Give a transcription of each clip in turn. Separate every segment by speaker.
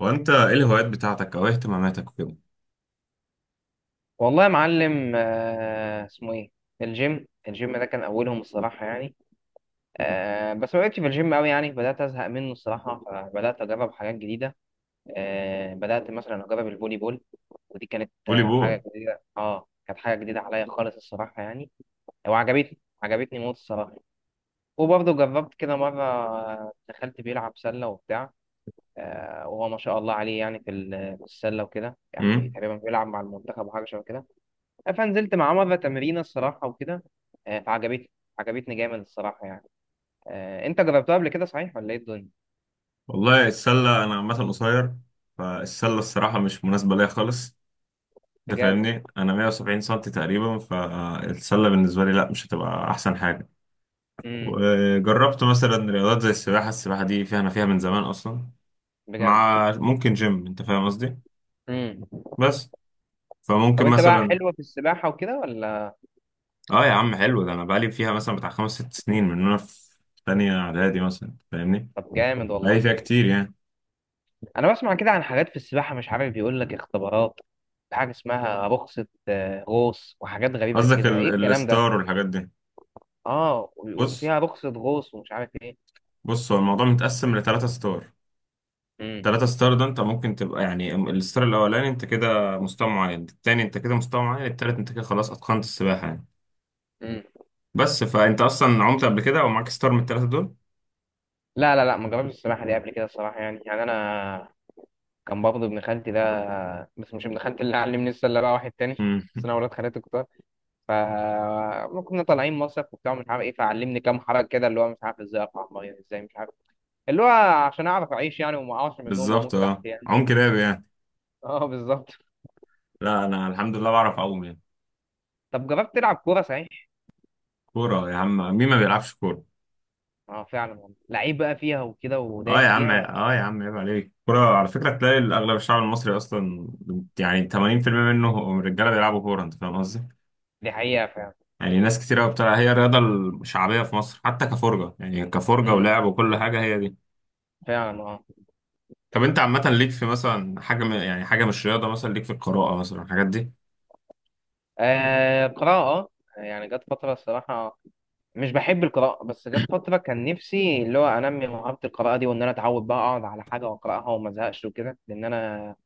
Speaker 1: وانت ايه الهوايات بتاعتك او إيه اهتماماتك وكده؟
Speaker 2: والله يا معلم، اسمه ايه؟ الجيم الجيم ده كان اولهم الصراحه يعني. بس ما بقتش في الجيم قوي يعني، بدات ازهق منه الصراحه فبدات اجرب حاجات جديده. بدات مثلا اجرب الفولي بول. ودي كانت
Speaker 1: فولي بول.
Speaker 2: حاجه جديده، كانت حاجه جديده عليا خالص الصراحه يعني. وعجبتني، عجبتني موت الصراحه. وبرضه جربت كده مره، دخلت بيلعب سله وبتاع. وهو ما شاء الله عليه يعني، في السله وكده يعني
Speaker 1: امم.
Speaker 2: تقريبا بيلعب مع المنتخب وحاجه شبه كده. فنزلت مع مرة تمرين الصراحة وكده. فعجبتني، عجبتني جامد الصراحة يعني. انت جربتها قبل كده صحيح ولا ايه الدنيا؟
Speaker 1: والله، السله انا عامه قصير. فالسله الصراحه مش مناسبه ليا خالص. ده
Speaker 2: بجد.
Speaker 1: فاهمني، انا 170 سم تقريبا، فالسله بالنسبه لي لا، مش هتبقى احسن حاجه.
Speaker 2: امم.
Speaker 1: وجربت مثلا رياضات زي السباحه. السباحه دي فيها، انا فيها من زمان اصلا،
Speaker 2: بجد.
Speaker 1: مع ممكن جيم، انت فاهم قصدي.
Speaker 2: امم.
Speaker 1: بس.
Speaker 2: طب
Speaker 1: فممكن
Speaker 2: انت بقى
Speaker 1: مثلا.
Speaker 2: حلوة في السباحة وكده ولا؟
Speaker 1: اه يا عم، حلو ده، انا بقالي فيها مثلا بتاع خمس ست سنين، من وانا في تانية اعدادي مثلا، أنت فاهمني.
Speaker 2: طب جامد
Speaker 1: بقالي
Speaker 2: والله.
Speaker 1: فيها كتير يعني.
Speaker 2: انا بسمع كده عن حاجات في السباحة، مش عارف بيقول لك اختبارات، حاجة اسمها رخصة غوص وحاجات غريبة
Speaker 1: قصدك
Speaker 2: كده، ايه الكلام ده؟
Speaker 1: الستار والحاجات دي؟
Speaker 2: اه،
Speaker 1: بص.
Speaker 2: وفيها رخصة غوص ومش عارف ايه.
Speaker 1: بص، هو الموضوع متقسم لثلاثة ستار.
Speaker 2: امم،
Speaker 1: ثلاثة ستار ده، انت ممكن تبقى يعني الستار الاولاني انت كده مستوى معين، التاني انت كده مستوى معين، التالت انت كده خلاص اتقنت السباحة يعني.
Speaker 2: امم.
Speaker 1: بس فانت اصلا عمت قبل كده، او معاك ستار من الثلاثة دول؟
Speaker 2: لا لا لا، ما جربتش السباحة دي قبل كده الصراحة يعني انا كان برضه ابن خالتي ده. بس مش ابن خالتي اللي علمني السله بقى، واحد تاني
Speaker 1: مم.
Speaker 2: بس انا ولاد خالتي كتار. ف ما كنا طالعين مصيف وبتاع مش عارف ايه، فعلمني كام حركه كده، اللي هو مش عارف ازاي اقع الميه، ازاي مش عارف، اللي هو عشان اعرف اعيش يعني، وما اقعش من النوم
Speaker 1: بالظبط.
Speaker 2: واموت
Speaker 1: اه،
Speaker 2: تحت يعني.
Speaker 1: عم كلاب يعني.
Speaker 2: اه، بالظبط.
Speaker 1: لا، انا الحمد لله بعرف اعوم يعني.
Speaker 2: طب جربت تلعب كوره صحيح؟
Speaker 1: كورة يا عم! مين ما بيلعبش كورة؟
Speaker 2: اه، فعلا والله، لعيب بقى فيها وكده
Speaker 1: اه يا
Speaker 2: ودايس
Speaker 1: عم،
Speaker 2: فيها ولا؟
Speaker 1: اه يا عم، عيب عليك. كورة على فكرة تلاقي اغلب الشعب المصري اصلا، يعني 80% منه هم رجالة بيلعبوا كورة، انت فاهم قصدي.
Speaker 2: دي حقيقه فعلا.
Speaker 1: يعني ناس كتير قوي بتاع، هي الرياضة الشعبية في مصر حتى كفرجة، يعني كفرجة
Speaker 2: امم،
Speaker 1: ولعب وكل حاجة، هي دي.
Speaker 2: فعلا اه.
Speaker 1: طب انت عامة ليك في مثلا حاجة يعني حاجة مش رياضة، مثلا ليك في القراءة مثلا الحاجات دي؟
Speaker 2: قراءه. يعني جت فتره الصراحه، مش بحب القراءة، بس جت فترة كان نفسي اللي هو أنمي مهارة القراءة دي، وإن أنا أتعود بقى أقعد على حاجة وأقرأها وما أزهقش وكده، لأن أنا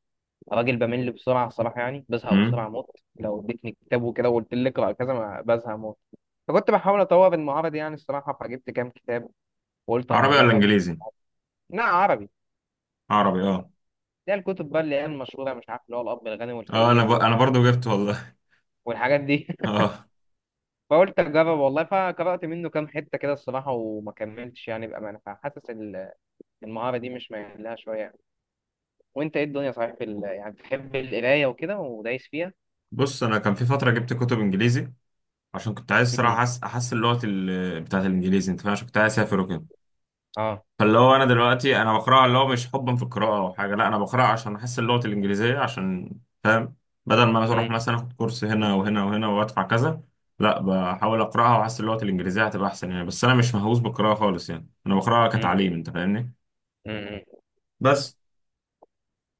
Speaker 2: راجل بمل بسرعة الصراحة يعني، بزهق
Speaker 1: امم.
Speaker 2: بسرعة موت. لو اديتني كتاب وكده وقلت لي اقرأ كذا ما بزهق موت. فكنت بحاول أطور المهارة دي يعني الصراحة، فجبت كام كتاب وقلت أما
Speaker 1: عربي ولا
Speaker 2: أجرب.
Speaker 1: انجليزي؟
Speaker 2: لا، عربي.
Speaker 1: عربي، اه.
Speaker 2: ده الكتب بقى اللي هي المشهورة، مش عارف، اللي هو الأب الغني
Speaker 1: اه،
Speaker 2: والفقير و...
Speaker 1: انا برضو جبت والله.
Speaker 2: والحاجات دي.
Speaker 1: اه.
Speaker 2: فقلت أجرب والله، فقرأت منه كام حتة كده الصراحة وما كملتش يعني بأمانة، فحاسس المهارة دي مش مايل لها شوية. وانت ايه الدنيا صحيح يعني بتحب القرايه وكده ودايس فيها؟
Speaker 1: بص، انا كان في فترة جبت كتب انجليزي، عشان كنت عايز
Speaker 2: امم،
Speaker 1: صراحة احسن لغة بتاعت الانجليزي انت فاهم، عشان كنت عايز اسافر وكده.
Speaker 2: اه،
Speaker 1: فاللي هو دلوقتي انا بقراها، اللي هو مش حبا في القراءه او حاجه، لا انا بقراها عشان احس اللغه الانجليزيه، عشان فاهم، بدل ما انا اروح
Speaker 2: امم،
Speaker 1: مثلا اخد كورس هنا وهنا وهنا وادفع كذا. لا، بحاول اقراها واحس اللغه الانجليزيه هتبقى احسن يعني. بس انا مش مهووس بالقراءه خالص، يعني انا بقراها
Speaker 2: امم،
Speaker 1: كتعليم انت فاهمني.
Speaker 2: امم.
Speaker 1: بس.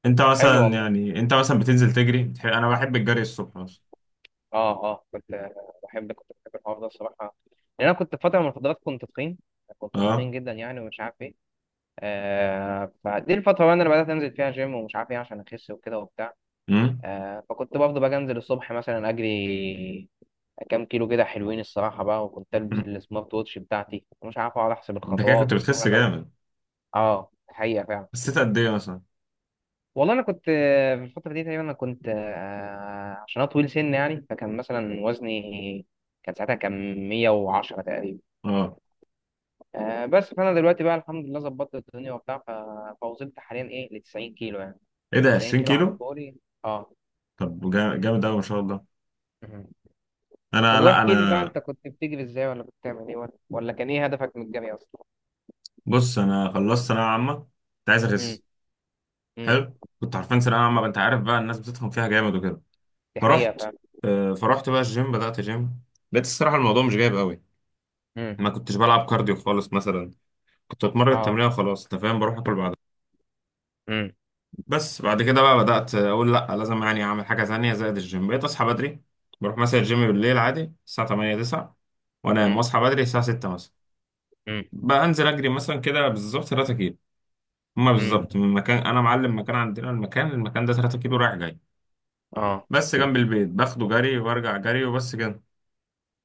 Speaker 1: انت
Speaker 2: طب حلو
Speaker 1: مثلا
Speaker 2: والله.
Speaker 1: يعني انت مثلا بتنزل تجري انا بحب الجري الصبح مثلا.
Speaker 2: اه، اه، كنت كنت بحب الحوار ده الصراحه. لان انا كنت في فتره من الفترات كنت تخين، كنت تخين
Speaker 1: اه.
Speaker 2: جدا يعني ومش عارف ايه. فدي الفتره بقى اللي انا بدات انزل فيها جيم ومش عارف ايه عشان اخس وكده وبتاع.
Speaker 1: امم.
Speaker 2: فكنت برضه بقى انزل الصبح مثلا اجري كام كيلو كده حلوين الصراحه بقى، وكنت البس السمارت ووتش بتاعتي ومش عارف، اقعد احسب
Speaker 1: انت كده
Speaker 2: الخطوات
Speaker 1: كنت
Speaker 2: وبشوف
Speaker 1: بتخس
Speaker 2: انا.
Speaker 1: جامد.
Speaker 2: اه، حقيقه فعلا.
Speaker 1: خسيت قد ايه مثلا؟
Speaker 2: والله انا كنت في الفتره دي تقريبا، انا كنت عشان انا طويل سن يعني، فكان مثلا وزني كان ساعتها كان 110 تقريبا.
Speaker 1: اه،
Speaker 2: بس فانا دلوقتي بقى الحمد لله ظبطت الدنيا وبتاع، فوصلت حاليا ايه ل 90 كيلو يعني.
Speaker 1: ايه ده،
Speaker 2: 90
Speaker 1: 20
Speaker 2: كيلو على
Speaker 1: كيلو؟
Speaker 2: طولي. اه.
Speaker 1: طب، جامد قوي ما شاء الله.
Speaker 2: مهم. طب
Speaker 1: انا لا
Speaker 2: واحكي لي بقى،
Speaker 1: انا.
Speaker 2: انت كنت بتجري ازاي ولا كنت بتعمل ايه ولا كان ايه هدفك من الجري اصلا؟
Speaker 1: بص، انا خلصت ثانويه عامه، كنت عايز
Speaker 2: امم،
Speaker 1: اخس.
Speaker 2: امم.
Speaker 1: حلو. كنت عارفين ثانويه عامه، انت عارف بقى، الناس بتتخن فيها جامد وكده.
Speaker 2: دي حقيقه
Speaker 1: فرحت.
Speaker 2: فاهم.
Speaker 1: فرحت بقى الجيم، بدات جيم. لقيت الصراحه الموضوع مش جايب قوي.
Speaker 2: امم،
Speaker 1: ما كنتش بلعب كارديو خالص مثلا. كنت اتمرن
Speaker 2: اه،
Speaker 1: تمرين وخلاص، انت فاهم، بروح اكل بعدها.
Speaker 2: امم،
Speaker 1: بس بعد كده بقى بدات اقول لا لازم يعني اعمل حاجه ثانيه زائد الجيم، بقيت اصحى بدري. بروح مثلا الجيم بالليل عادي الساعه 8 9، وانام
Speaker 2: امم،
Speaker 1: واصحى بدري الساعه 6 مثلا.
Speaker 2: امم،
Speaker 1: بقى انزل اجري مثلا كده بالظبط 3 كيلو. هما
Speaker 2: امم،
Speaker 1: بالظبط من مكان انا معلم مكان عندنا، المكان ده 3 كيلو رايح جاي.
Speaker 2: اه،
Speaker 1: بس جنب البيت، باخده جري وارجع جري وبس كده.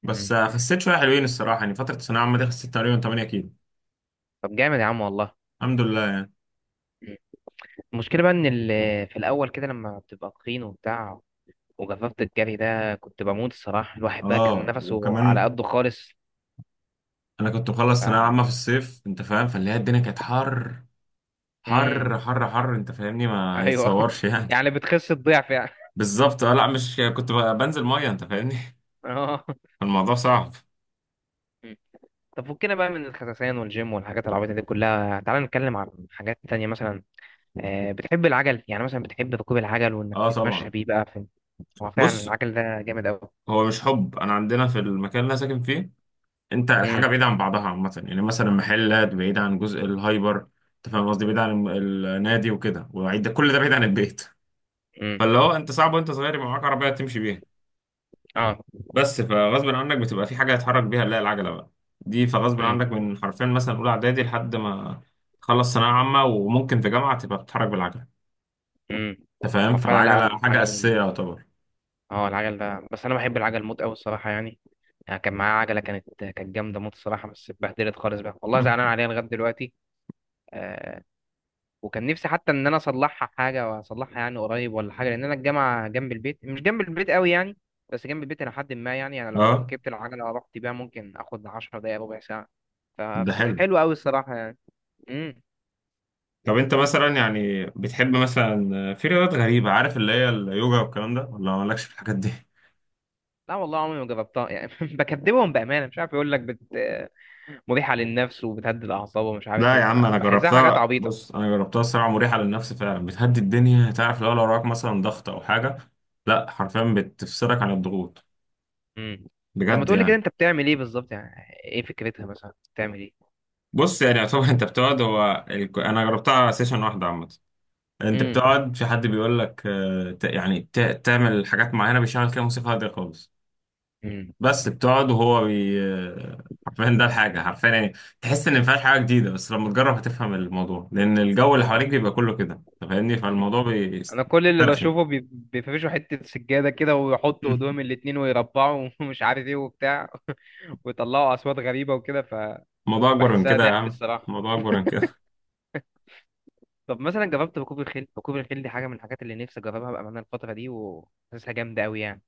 Speaker 2: امم.
Speaker 1: بس خسيت شويه حلوين الصراحه، يعني فتره الثانويه العامه دي خسيت تقريبا 8 كيلو.
Speaker 2: طب جامد يا عم والله.
Speaker 1: الحمد لله يعني.
Speaker 2: المشكلة بقى إن في الأول كده لما بتبقى تخين وبتاع وجففت الجري ده، كنت بموت الصراحة، الواحد بقى كان
Speaker 1: اه،
Speaker 2: نفسه على
Speaker 1: وكمان،
Speaker 2: قده خالص.
Speaker 1: انا كنت
Speaker 2: ف
Speaker 1: مخلص ثانويه عامه في الصيف، انت فاهم، فاللي هي الدنيا كانت حر.
Speaker 2: مم.
Speaker 1: حر حر حر، انت فاهمني، ما
Speaker 2: أيوه
Speaker 1: يتصورش يعني.
Speaker 2: يعني بتخس الضعف يعني
Speaker 1: بالظبط، اه، لا مش كنت بنزل ميه انت فاهمني.
Speaker 2: اه.
Speaker 1: الموضوع صعب.
Speaker 2: مم. طب فكنا بقى من الخساسين والجيم والحاجات العبيطة دي كلها، تعالى نتكلم عن حاجات تانية مثلا. بتحب العجل يعني مثلا، بتحب ركوب العجل وإنك
Speaker 1: اه
Speaker 2: تتمشى
Speaker 1: طبعا.
Speaker 2: بيه بقى في؟ هو فعلا
Speaker 1: بص،
Speaker 2: العجل ده جامد أوي.
Speaker 1: هو مش حب، انا عندنا في المكان اللي انا ساكن فيه، انت
Speaker 2: مم.
Speaker 1: الحاجه بعيده عن بعضها عامه، يعني مثلا محلات بعيد عن جزء الهايبر. انت فاهم قصدي، بعيد عن النادي وكده وعيد، كل ده بعيد عن البيت.
Speaker 2: مم.
Speaker 1: فاللي هو، انت صعب وانت صغير يبقى معاك عربيه تمشي بيها.
Speaker 2: اه.
Speaker 1: بس فغصب عنك بتبقى في حاجه تتحرك بيها، لا العجله بقى، دي فغصب
Speaker 2: مم.
Speaker 1: عنك من حرفيا مثلا اولى اعدادي لحد ما تخلص ثانويه عامه وممكن في جامعه تبقى بتتحرك بالعجله.
Speaker 2: مم.
Speaker 1: انت فاهم،
Speaker 2: هو فعلا، لا،
Speaker 1: فالعجله حاجه اساسيه
Speaker 2: العجل،
Speaker 1: يعتبر.
Speaker 2: اه العجل ده، بس انا بحب العجل موت قوي الصراحه يعني. يعني كان معايا عجله كانت جامده موت الصراحه، بس اتبهدلت خالص بقى، والله زعلان عليها لغايه دلوقتي. آه وكان نفسي حتى ان انا اصلحها حاجه، واصلحها يعني قريب ولا حاجه، لان انا الجامعه جنب البيت، مش جنب البيت قوي يعني، بس جنب البيت الى حد ما يعني، انا لو
Speaker 1: اه،
Speaker 2: ركبت العجله ورحت بيها ممكن اخد 10 دقائق ربع ساعه.
Speaker 1: ده
Speaker 2: فكانت
Speaker 1: حلو.
Speaker 2: حلوه قوي الصراحه يعني. امم.
Speaker 1: طب انت مثلا يعني بتحب مثلا في رياضات غريبة، عارف اللي هي اليوجا والكلام ده، ولا مالكش في الحاجات دي؟
Speaker 2: لا والله عمري ما جربتها يعني بكدبهم بامانه، مش عارف، يقول لك مريحه للنفس وبتهدي الاعصاب ومش عارف
Speaker 1: لا
Speaker 2: ايه،
Speaker 1: يا عم، انا
Speaker 2: بحسها حاجات
Speaker 1: جربتها.
Speaker 2: عبيطه.
Speaker 1: بص، انا جربتها الصراحة، مريحة للنفس فعلا، بتهدي الدنيا، تعرف لو وراك مثلا ضغط او حاجة. لا حرفيا، بتفصلك عن الضغوط.
Speaker 2: امم. طب ما
Speaker 1: بجد
Speaker 2: تقولي كده
Speaker 1: يعني.
Speaker 2: انت بتعمل ايه بالظبط يعني، ايه فكرتها مثلا، بتعمل ايه؟
Speaker 1: بص يعني طبعا، انت بتقعد، هو انا جربتها سيشن واحدة عامة. انت
Speaker 2: امم،
Speaker 1: بتقعد، في حد بيقول لك تعمل حاجات معينة، بيشغل كده موسيقى هادية خالص.
Speaker 2: امم،
Speaker 1: بس بتقعد وهو بي. حرفيا ده الحاجة حرفيا يعني. تحس إن مفيهاش حاجة جديدة، بس لما تجرب هتفهم الموضوع، لأن الجو اللي
Speaker 2: اه.
Speaker 1: حواليك بيبقى كله كده. أنت فاهمني، فالموضوع
Speaker 2: انا كل اللي
Speaker 1: بيسترخي.
Speaker 2: بشوفه بيفرشوا حتة سجادة كده ويحطوا ايدهم الاتنين ويربعوا ومش عارف ايه وبتاع ويطلعوا اصوات غريبة وكده،
Speaker 1: الموضوع أكبر من
Speaker 2: فبحسها
Speaker 1: كده يا
Speaker 2: ضحك
Speaker 1: عم.
Speaker 2: الصراحة.
Speaker 1: الموضوع أكبر من كده.
Speaker 2: طب مثلا جربت ركوب الخيل؟ ركوب الخيل دي حاجة من الحاجات اللي نفسي اجربها بأمانة الفترة دي، وحاسسها جامدة قوي يعني.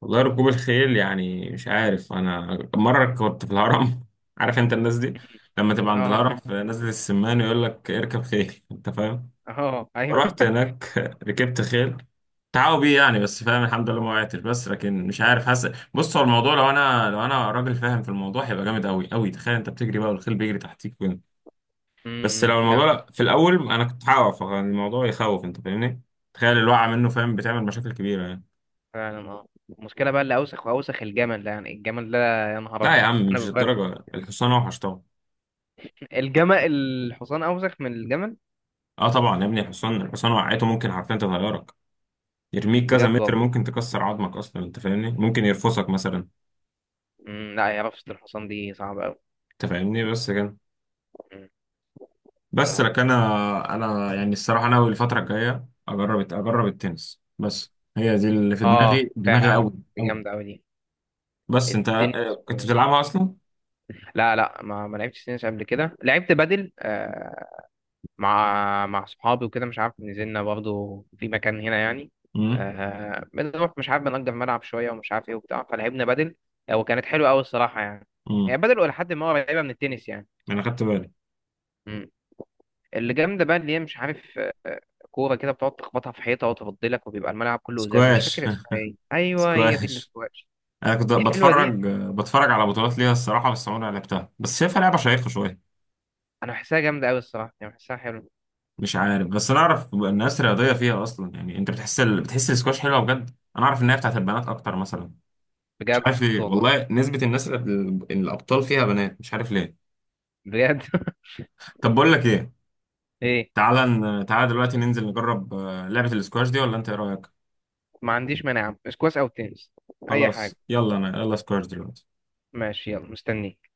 Speaker 1: والله، ركوب الخيل يعني مش عارف. أنا مرة كنت في الهرم، عارف أنت الناس دي، لما تبقى عند
Speaker 2: اه.
Speaker 1: الهرم في نزلة السمان، يقول لك اركب خيل، أنت فاهم.
Speaker 2: اه، ايوه
Speaker 1: رحت هناك. ركبت خيل. تعاوي بيه يعني، بس فاهم الحمد لله ما وقعتش. بس لكن مش عارف، حاسس بص هو الموضوع، لو انا راجل فاهم في الموضوع، هيبقى جامد قوي قوي. تخيل انت بتجري بقى والخيل بيجري تحتيك، وين. بس
Speaker 2: امم،
Speaker 1: لو الموضوع
Speaker 2: فعلا.
Speaker 1: لا، في الاول انا كنت هقع، فالموضوع يخوف انت فاهمني. تخيل
Speaker 2: مم.
Speaker 1: الوقعه منه، فاهم، بتعمل مشاكل كبيره يعني.
Speaker 2: فعلا اه. المشكلة بقى اللي اوسخ واوسخ الجمل ده يعني الجمل ده، يا نهار
Speaker 1: لا يا
Speaker 2: ابيض.
Speaker 1: عم، مش
Speaker 2: انا
Speaker 1: الدرجه، الحصان اوحش طبعا.
Speaker 2: الحصان أوسخ من الجمل.
Speaker 1: اه طبعا يا ابني، الحصان. الحصان وقعته ممكن حرفيا تغيرك،
Speaker 2: مم،
Speaker 1: يرميك كذا
Speaker 2: بجد
Speaker 1: متر،
Speaker 2: والله.
Speaker 1: ممكن تكسر عظمك اصلا انت فاهمني، ممكن يرفسك مثلا.
Speaker 2: مم، لا، هي رفسة الحصان دي صعبة أوي.
Speaker 1: انت فاهمني، بس كده.
Speaker 2: مم.
Speaker 1: بس لك، انا يعني الصراحه ناوي الفتره الجايه اجرب التنس، بس هي دي اللي في دماغي
Speaker 2: فعلا،
Speaker 1: قوي.
Speaker 2: دي
Speaker 1: قوي.
Speaker 2: جامدة أوي دي.
Speaker 1: بس انت
Speaker 2: التنس
Speaker 1: كنت
Speaker 2: و...
Speaker 1: بتلعبها اصلا؟
Speaker 2: لا لا، ما لعبتش تنس قبل كده، لعبت بدل. مع صحابي وكده، مش عارف نزلنا برضو في مكان هنا يعني.
Speaker 1: امم.
Speaker 2: بنروح مش عارف بنأجر ملعب شوية ومش عارف إيه وبتاع، فلعبنا بدل. وكانت حلوة أوي الصراحة يعني. هي
Speaker 1: امم.
Speaker 2: بدل إلى حد ما قريبة من التنس
Speaker 1: انا خدت بالي.
Speaker 2: يعني. اللي جامده بقى اللي هي مش عارف، آه، كوره كده بتقعد تخبطها في حيطه وتفضلك، وبيبقى الملعب كله ازاز، مش فاكر
Speaker 1: سكواش.
Speaker 2: اسمها ايه، ايوه هي دي
Speaker 1: سكواش.
Speaker 2: الاسكواش.
Speaker 1: انا كنت
Speaker 2: دي حلوه دي،
Speaker 1: بتفرج على بطولات ليها الصراحه، بس عمري ما لعبتها، بس شايفها لعبه شيقه شويه.
Speaker 2: انا بحسها جامده قوي الصراحه يعني، بحسها حلوه.
Speaker 1: مش عارف، بس انا اعرف الناس رياضيه فيها اصلا، يعني انت بتحس بتحس السكواش حلوه بجد. انا اعرف ان هي بتاعت البنات اكتر مثلا. مش
Speaker 2: بجد
Speaker 1: عارف ليه
Speaker 2: والله.
Speaker 1: والله، نسبه الناس الابطال فيها بنات، مش عارف ليه.
Speaker 2: بجد
Speaker 1: طب بقول لك ايه؟
Speaker 2: ايه.
Speaker 1: تعالى دلوقتي ننزل نجرب لعبة الاسكواش دي، ولا انت ايه رأيك؟
Speaker 2: ما عنديش مانع، اسكواش او تنس، اي
Speaker 1: خلاص،
Speaker 2: حاجه.
Speaker 1: يلا انا، يلا سكواش دلوقتي.
Speaker 2: ماشي، يلا مستنيك.